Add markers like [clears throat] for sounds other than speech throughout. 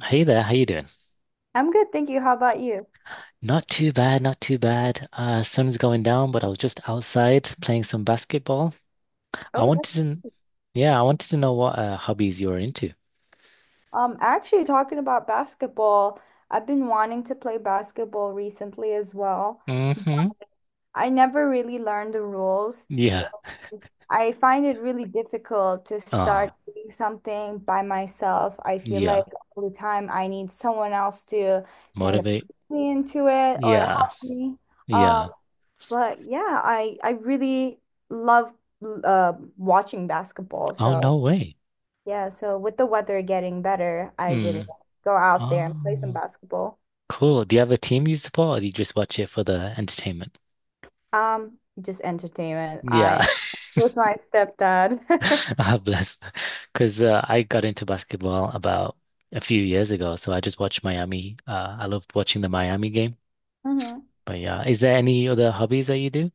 Hey there, how you doing? I'm good, thank you. How about you? Not too bad, not too bad. Sun's going down, but I was just outside playing some basketball. I Oh, wanted that's to, yeah, I wanted to know what hobbies you are into. Actually talking about basketball. I've been wanting to play basketball recently as well. Mm-hmm. I never really learned the rules. Yeah. I find it really difficult to Uh-huh. start doing something by myself. I feel Yeah. like all the time I need someone else to kind of Motivate. put me into it or Yeah. help me. Um, Yeah. but yeah, I really love uh, watching basketball. Oh, no So. way. Yeah, so with the weather getting better, I really Mm. want to go out there and play some Oh, basketball. cool. Do you have a team you support, or do you just watch it for the entertainment? Just entertainment. I Yeah. with my stepdad. [laughs] [laughs] Ah, bless. Because I got into basketball about a few years ago, so I just watched Miami. I loved watching the Miami game. Hmm. But yeah, is there any other hobbies that you do?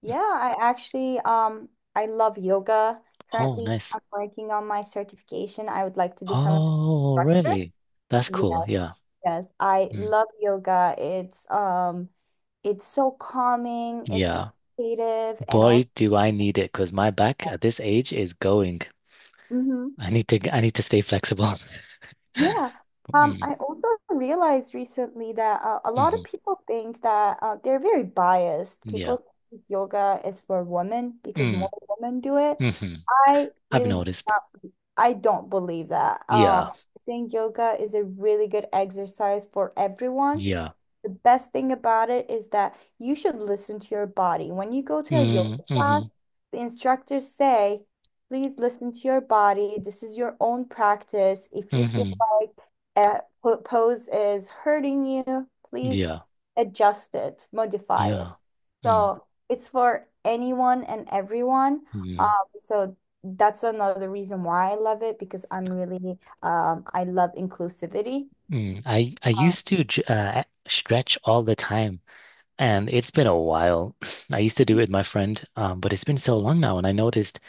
Yeah, I actually I love yoga. Oh, Currently, nice. I'm working on my certification. I would like to become an Oh, instructor. really? That's Yeah, cool. Yeah. yes. I Mm. love yoga. It's it's so calming, it's Yeah. meditative and all. Boy, do I need it because my back at this age is going. I need to stay flexible. [laughs] Yeah. Mm, I also realized recently that a lot of hmm. people think that they're very biased. Yeah. People think yoga is for women because Mm, more women do it. hmm. I I've really do noticed. not, I don't believe that. Yeah. I think yoga is a really good exercise for everyone. Yeah. The best thing about it is that you should listen to your body. When you go to a Mm, yoga class, hmm the instructors say, please listen to your body. This is your own practice. If you feel hmm. like pose is hurting you, please Yeah. adjust it, modify Yeah. it. Mm, So it's for anyone and everyone. Um, mm, so that's another reason why I love it because I'm really, I love inclusivity. mm. I Um, used to stretch all the time, and it's been a while. [laughs] [sniffs] I used to do it with my friend, but it's been so long now, and I noticed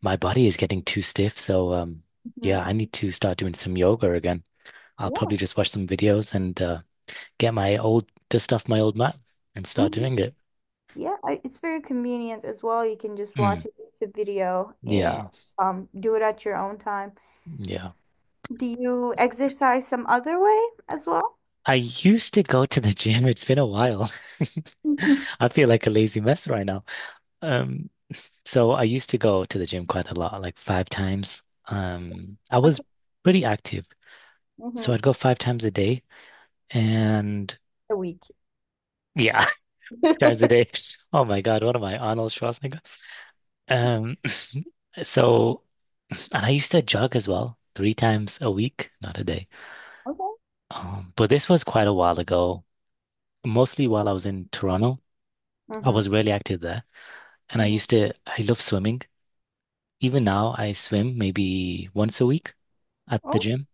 my body is getting too stiff. So, mhm. yeah, I need to start doing some yoga again. I'll Yeah. probably just watch some videos and get my old dust off my old mat and start Mhm. doing it. Yeah, I- it's very convenient as well. You can just watch Mm, a YouTube video and yeah, do it at your own time. yeah. Do you exercise some other way as well? I used to go to the gym. It's been a while. [laughs] Mhm. I feel like a lazy mess right now. Um, So I used to go to the gym quite a lot, like five times. I was Okay. pretty active. So Mm-hmm. I'd go five times a day and A week. yeah, [laughs] times a day. [laughs] Oh my God, what am I, Arnold Schwarzenegger? Um, [laughs] so and I used to jog as well, three times a week, not a day. Okay. But this was quite a while ago, mostly while I was in Toronto. I Mm-hmm. was really active there. And I Mm-hmm. used to, I love swimming. Even now, I swim maybe once a week at the Oh, gym.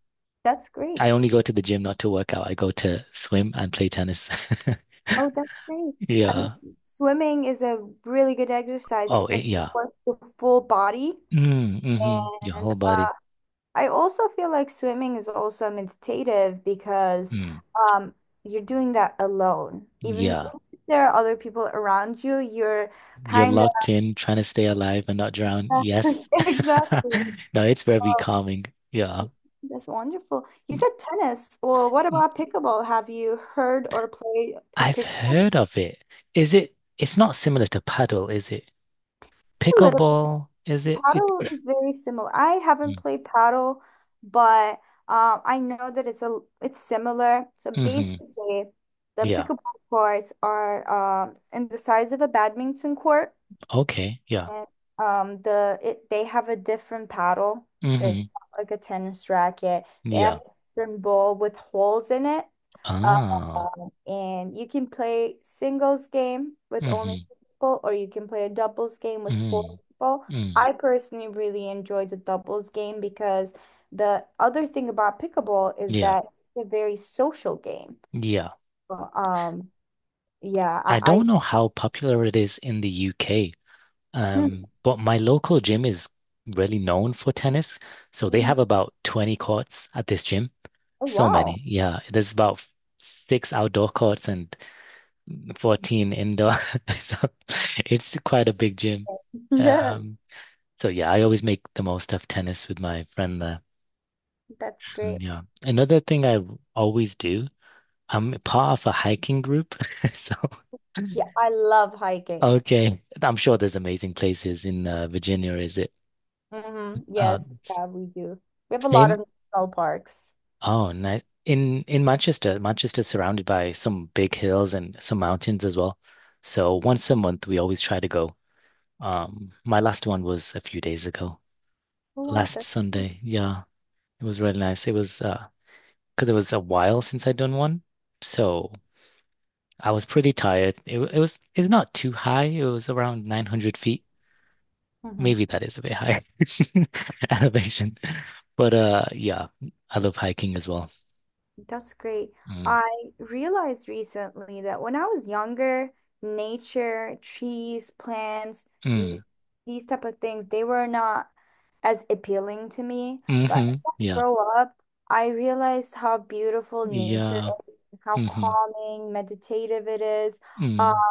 that's great. I only go to the gym not to work out. I go to swim and play tennis. [laughs] Oh, that's great. I Yeah. mean, swimming is a really good exercise Oh, because eh, it yeah. works the full body Mm, hmm. Your and whole body. I also feel like swimming is also meditative because Mm, um, you're doing that alone. Even yeah. if there are other people around you, you're You're kind locked in, trying to stay alive and not drown. of Yes. [laughs] [laughs] exactly. No, it's very Well, calming. Yeah. that's wonderful. You Mm, said tennis. Well, what about mm. pickleball? Have you heard or played I've pickleball? heard of it. Is it? It's not similar to paddle, is it? A little. Pickleball, is it? It. Paddle is very similar. I haven't played paddle, but I know that it's a it's similar. So Mm-hmm. basically, the Yeah. pickleball courts are in the size of a badminton court, Okay. Yeah. and the it they have a different paddle. It's Mm-hmm. not like a tennis racket. They have a Yeah. different ball with holes in it, uh, Ah. and you can play singles game with only Mm-hmm. two people, or you can play a doubles game with four Mm-hmm. people. Mm. I personally really enjoy the doubles game because the other thing about pickleball is Yeah. that it's a very social game. Yeah. But, yeah, I I don't know how popular it is in the UK, Hmm. But my local gym is really known for tennis. [laughs] So they have Mhm. about 20 courts at this gym. Oh So wow. many. Yeah. There's about six outdoor courts and 14 indoor. [laughs] So it's quite a big gym. [laughs] Yeah, Um, so yeah, I always make the most of tennis with my friend there. that's Mm. great. Yeah. Another thing always do, I'm part of a hiking group. [laughs] So Yeah, I love hiking. okay. I'm sure there's amazing places in Virginia, is it? Hmm. Uh, Yes, yeah, we do. We have a lot of same. national parks. Oh, nice. In Manchester, Manchester's surrounded by some big hills and some mountains as well. So once a month, we always try to go. My last one was a few days ago, Who want last that? Sunday. Yeah, it was really nice. It was because it was a while since I'd done one, so I was pretty tired. It's not too high. It was around 900 feet. Hmm. Maybe that is a bit high [laughs] elevation. But yeah, I love hiking as well. That's great. Mm. I realized recently that when I was younger, nature, trees, plants, Mm. these these type of things, they were not as appealing to me. But as Hmm. I Yeah. grow up, I realized how beautiful nature Yeah. is, how Hmm. calming, meditative it is. Mm.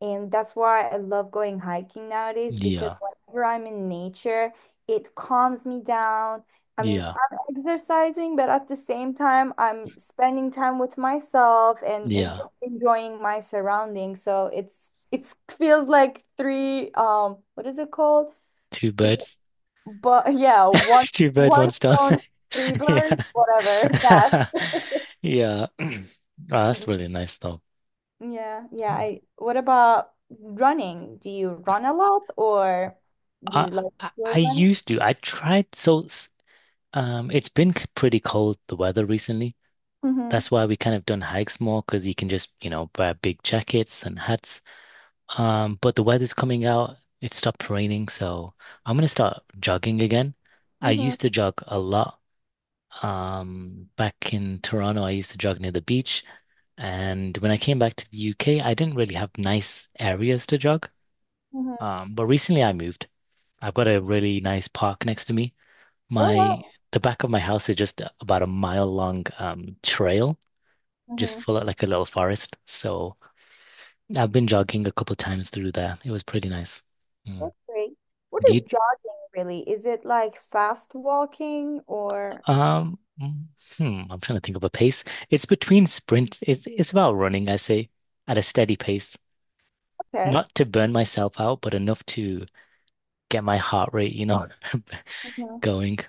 And that's why I love going hiking nowadays because Yeah. whenever I'm in nature, it calms me down. I mean, Yeah. I'm exercising, but at the same time, I'm spending time with myself and just Yeah. enjoying my surroundings. So it's [laughs] feels like three what is it called? Two Three birds. but [laughs] yeah, one [laughs] Two birds, one one stone. [laughs] stone, three birds, Yeah. whatever [laughs] [laughs] that. Yeah. [clears throat] Oh, that's really nice though. Yeah, yeah. I, what about running? Do you run a lot or do I, you like I enjoy I running? used to. I tried so s- Um, it's been pretty cold the weather recently. Mm-hmm. That's why we kind of done hikes more because you can just, you know, wear big jackets and hats. But the weather's coming out. It stopped raining, so I'm gonna start jogging again. I Mm-hmm. used to jog a lot. Back in Toronto, I used to jog near the beach, and when I came back to the UK, I didn't really have nice areas to jog. Mm-hmm. But recently I moved. I've got a really nice park next to me. Oh, My wow. The back of my house is just about a mile long trail, just Mm-hmm. full of like a little forest. So I've been jogging a couple times through there. It was pretty nice. Mm. That's great. What Do is you jogging really? Is it like fast walking or Um, mm, I'm trying to think of a pace. It's between sprint. It's about running, I say, at a steady pace, okay. not to burn myself out, but enough to get my heart rate, you know, [laughs] Mm-hmm. going.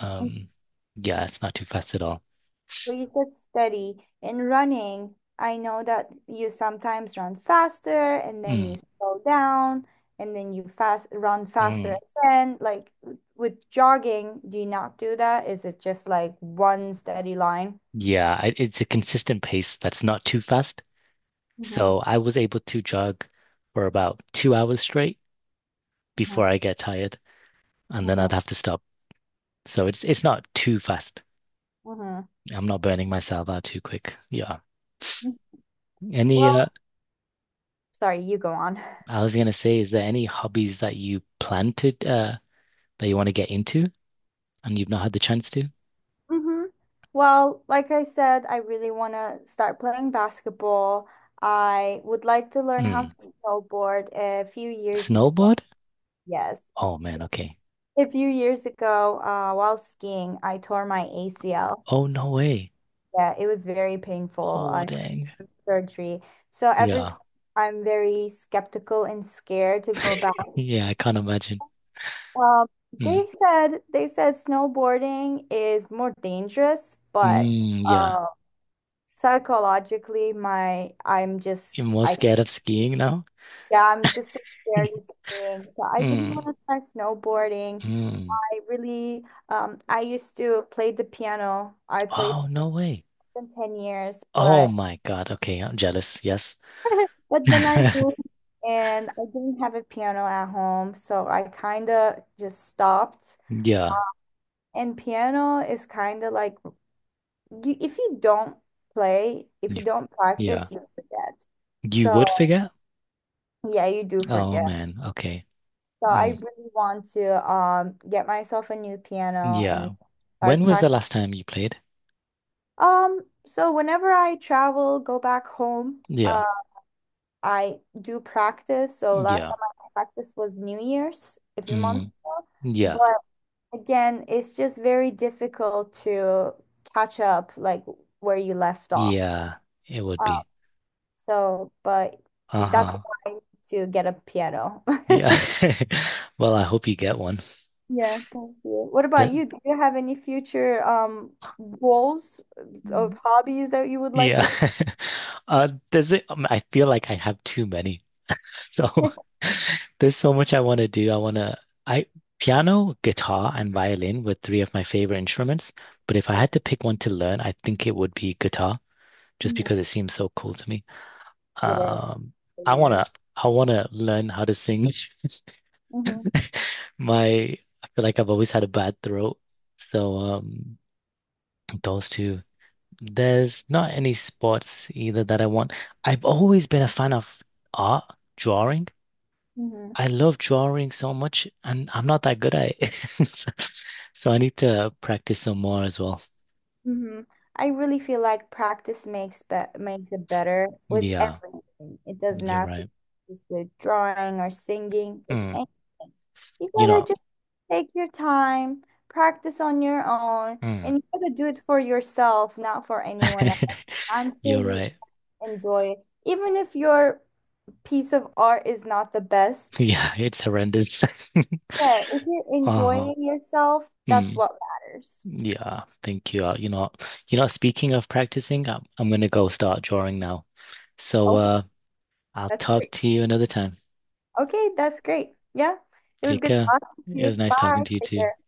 Um, yeah, it's not too fast at all. So you said steady. In running, I know that you sometimes run faster and then Mm, you slow down and then you fast run faster mm. again. Like with jogging, do you not do that? Is it just like one steady line? Yeah, I, it's a consistent pace that's not too fast. Mm-hmm, So I was able to jog for about 2 hours straight mm-hmm, before I get tired, and then mm-hmm, I'd have to stop. So it's not too fast. mm-hmm. I'm not burning myself out too quick. Yeah. Any Well, sorry, you go on. [laughs] I was gonna say, is there any hobbies that you plan to that you want to get into and you've not had the chance to? Mm-hmm. Well, like I said, I really want to start playing basketball. I would like to learn how Hmm. to snowboard a few years ago. Snowboard? Yes. Oh man, okay. A few years ago, while skiing, I tore my ACL. Oh no way. Yeah, it was very painful. I Oh dang. had surgery. So ever Yeah. since, I'm very skeptical and scared to go back. [laughs] Yeah, I can't imagine. Um, Mm. They said snowboarding is more dangerous, but Mm, yeah. uh, psychologically, my I'm You're just more I scared of skiing now? yeah, I'm just so scared of [laughs] skiing. So I really want Mm. to try snowboarding. Mm. I really I used to play the piano. I played Oh no way. than 10 years, Oh but my God. Okay, I'm jealous. Yes. Then I [laughs] moved and I didn't have a piano at home, so I kind of just stopped. Yeah. And piano is kind of like you, if you don't play, if you You- don't Yeah. practice, you forget. You So would figure? yeah, you do Oh forget. man. Okay. So I Hmm. really want to get myself a new piano and Yeah. start When was the practicing. last time you played? Um, so whenever I travel, go back home, Yeah. I do practice. So last Yeah. time I practiced was New Year's a few months Mm. ago. Yeah. But again, it's just very difficult to catch up like where you left off. Yeah. It would Um, be. but that's Uh-huh. why I need to get a piano. Yeah. [laughs] [laughs] Well, I hope you get one. Yeah, thank you. What about That, you? Do you have any future goals of hobbies that you would like yeah. to? [laughs] I feel like I have too many. [laughs] So [laughs] [laughs] there's so much I want to do. I want to, I, Piano, guitar, and violin were three of my favorite instruments. But if I had to pick one to learn, I think it would be guitar, just Yeah, because it seems so cool to me. it is. Um, It I is. wanna I wanna learn how to sing. [laughs] Hmm. My I feel like I've always had a bad throat. So those two. There's not any sports either that I want. I've always been a fan of art, drawing. I love drawing so much and I'm not that good at it. [laughs] So, so I need to practice some more as well. Hmm. I really feel like practice makes it better with Yeah, everything. It does you're not right. just with drawing or singing, with Mm, anything. You you gotta know, just take your time, practice on your own, mm. and you gotta do it for yourself, not for anyone else. [laughs] I'm sure You're you right. enjoy it. Even if your piece of art is not the best, Yeah, it's horrendous. [laughs] but if you're Uh-huh. enjoying yourself, that's Mm. what matters. Yeah, thank you. You know, speaking of practicing, I'm gonna go start drawing now. So, Oh, I'll that's talk great. to you another time. Okay, that's great. Yeah, it was Take good care. talking to It was you. nice talking Bye. to you Take too. care.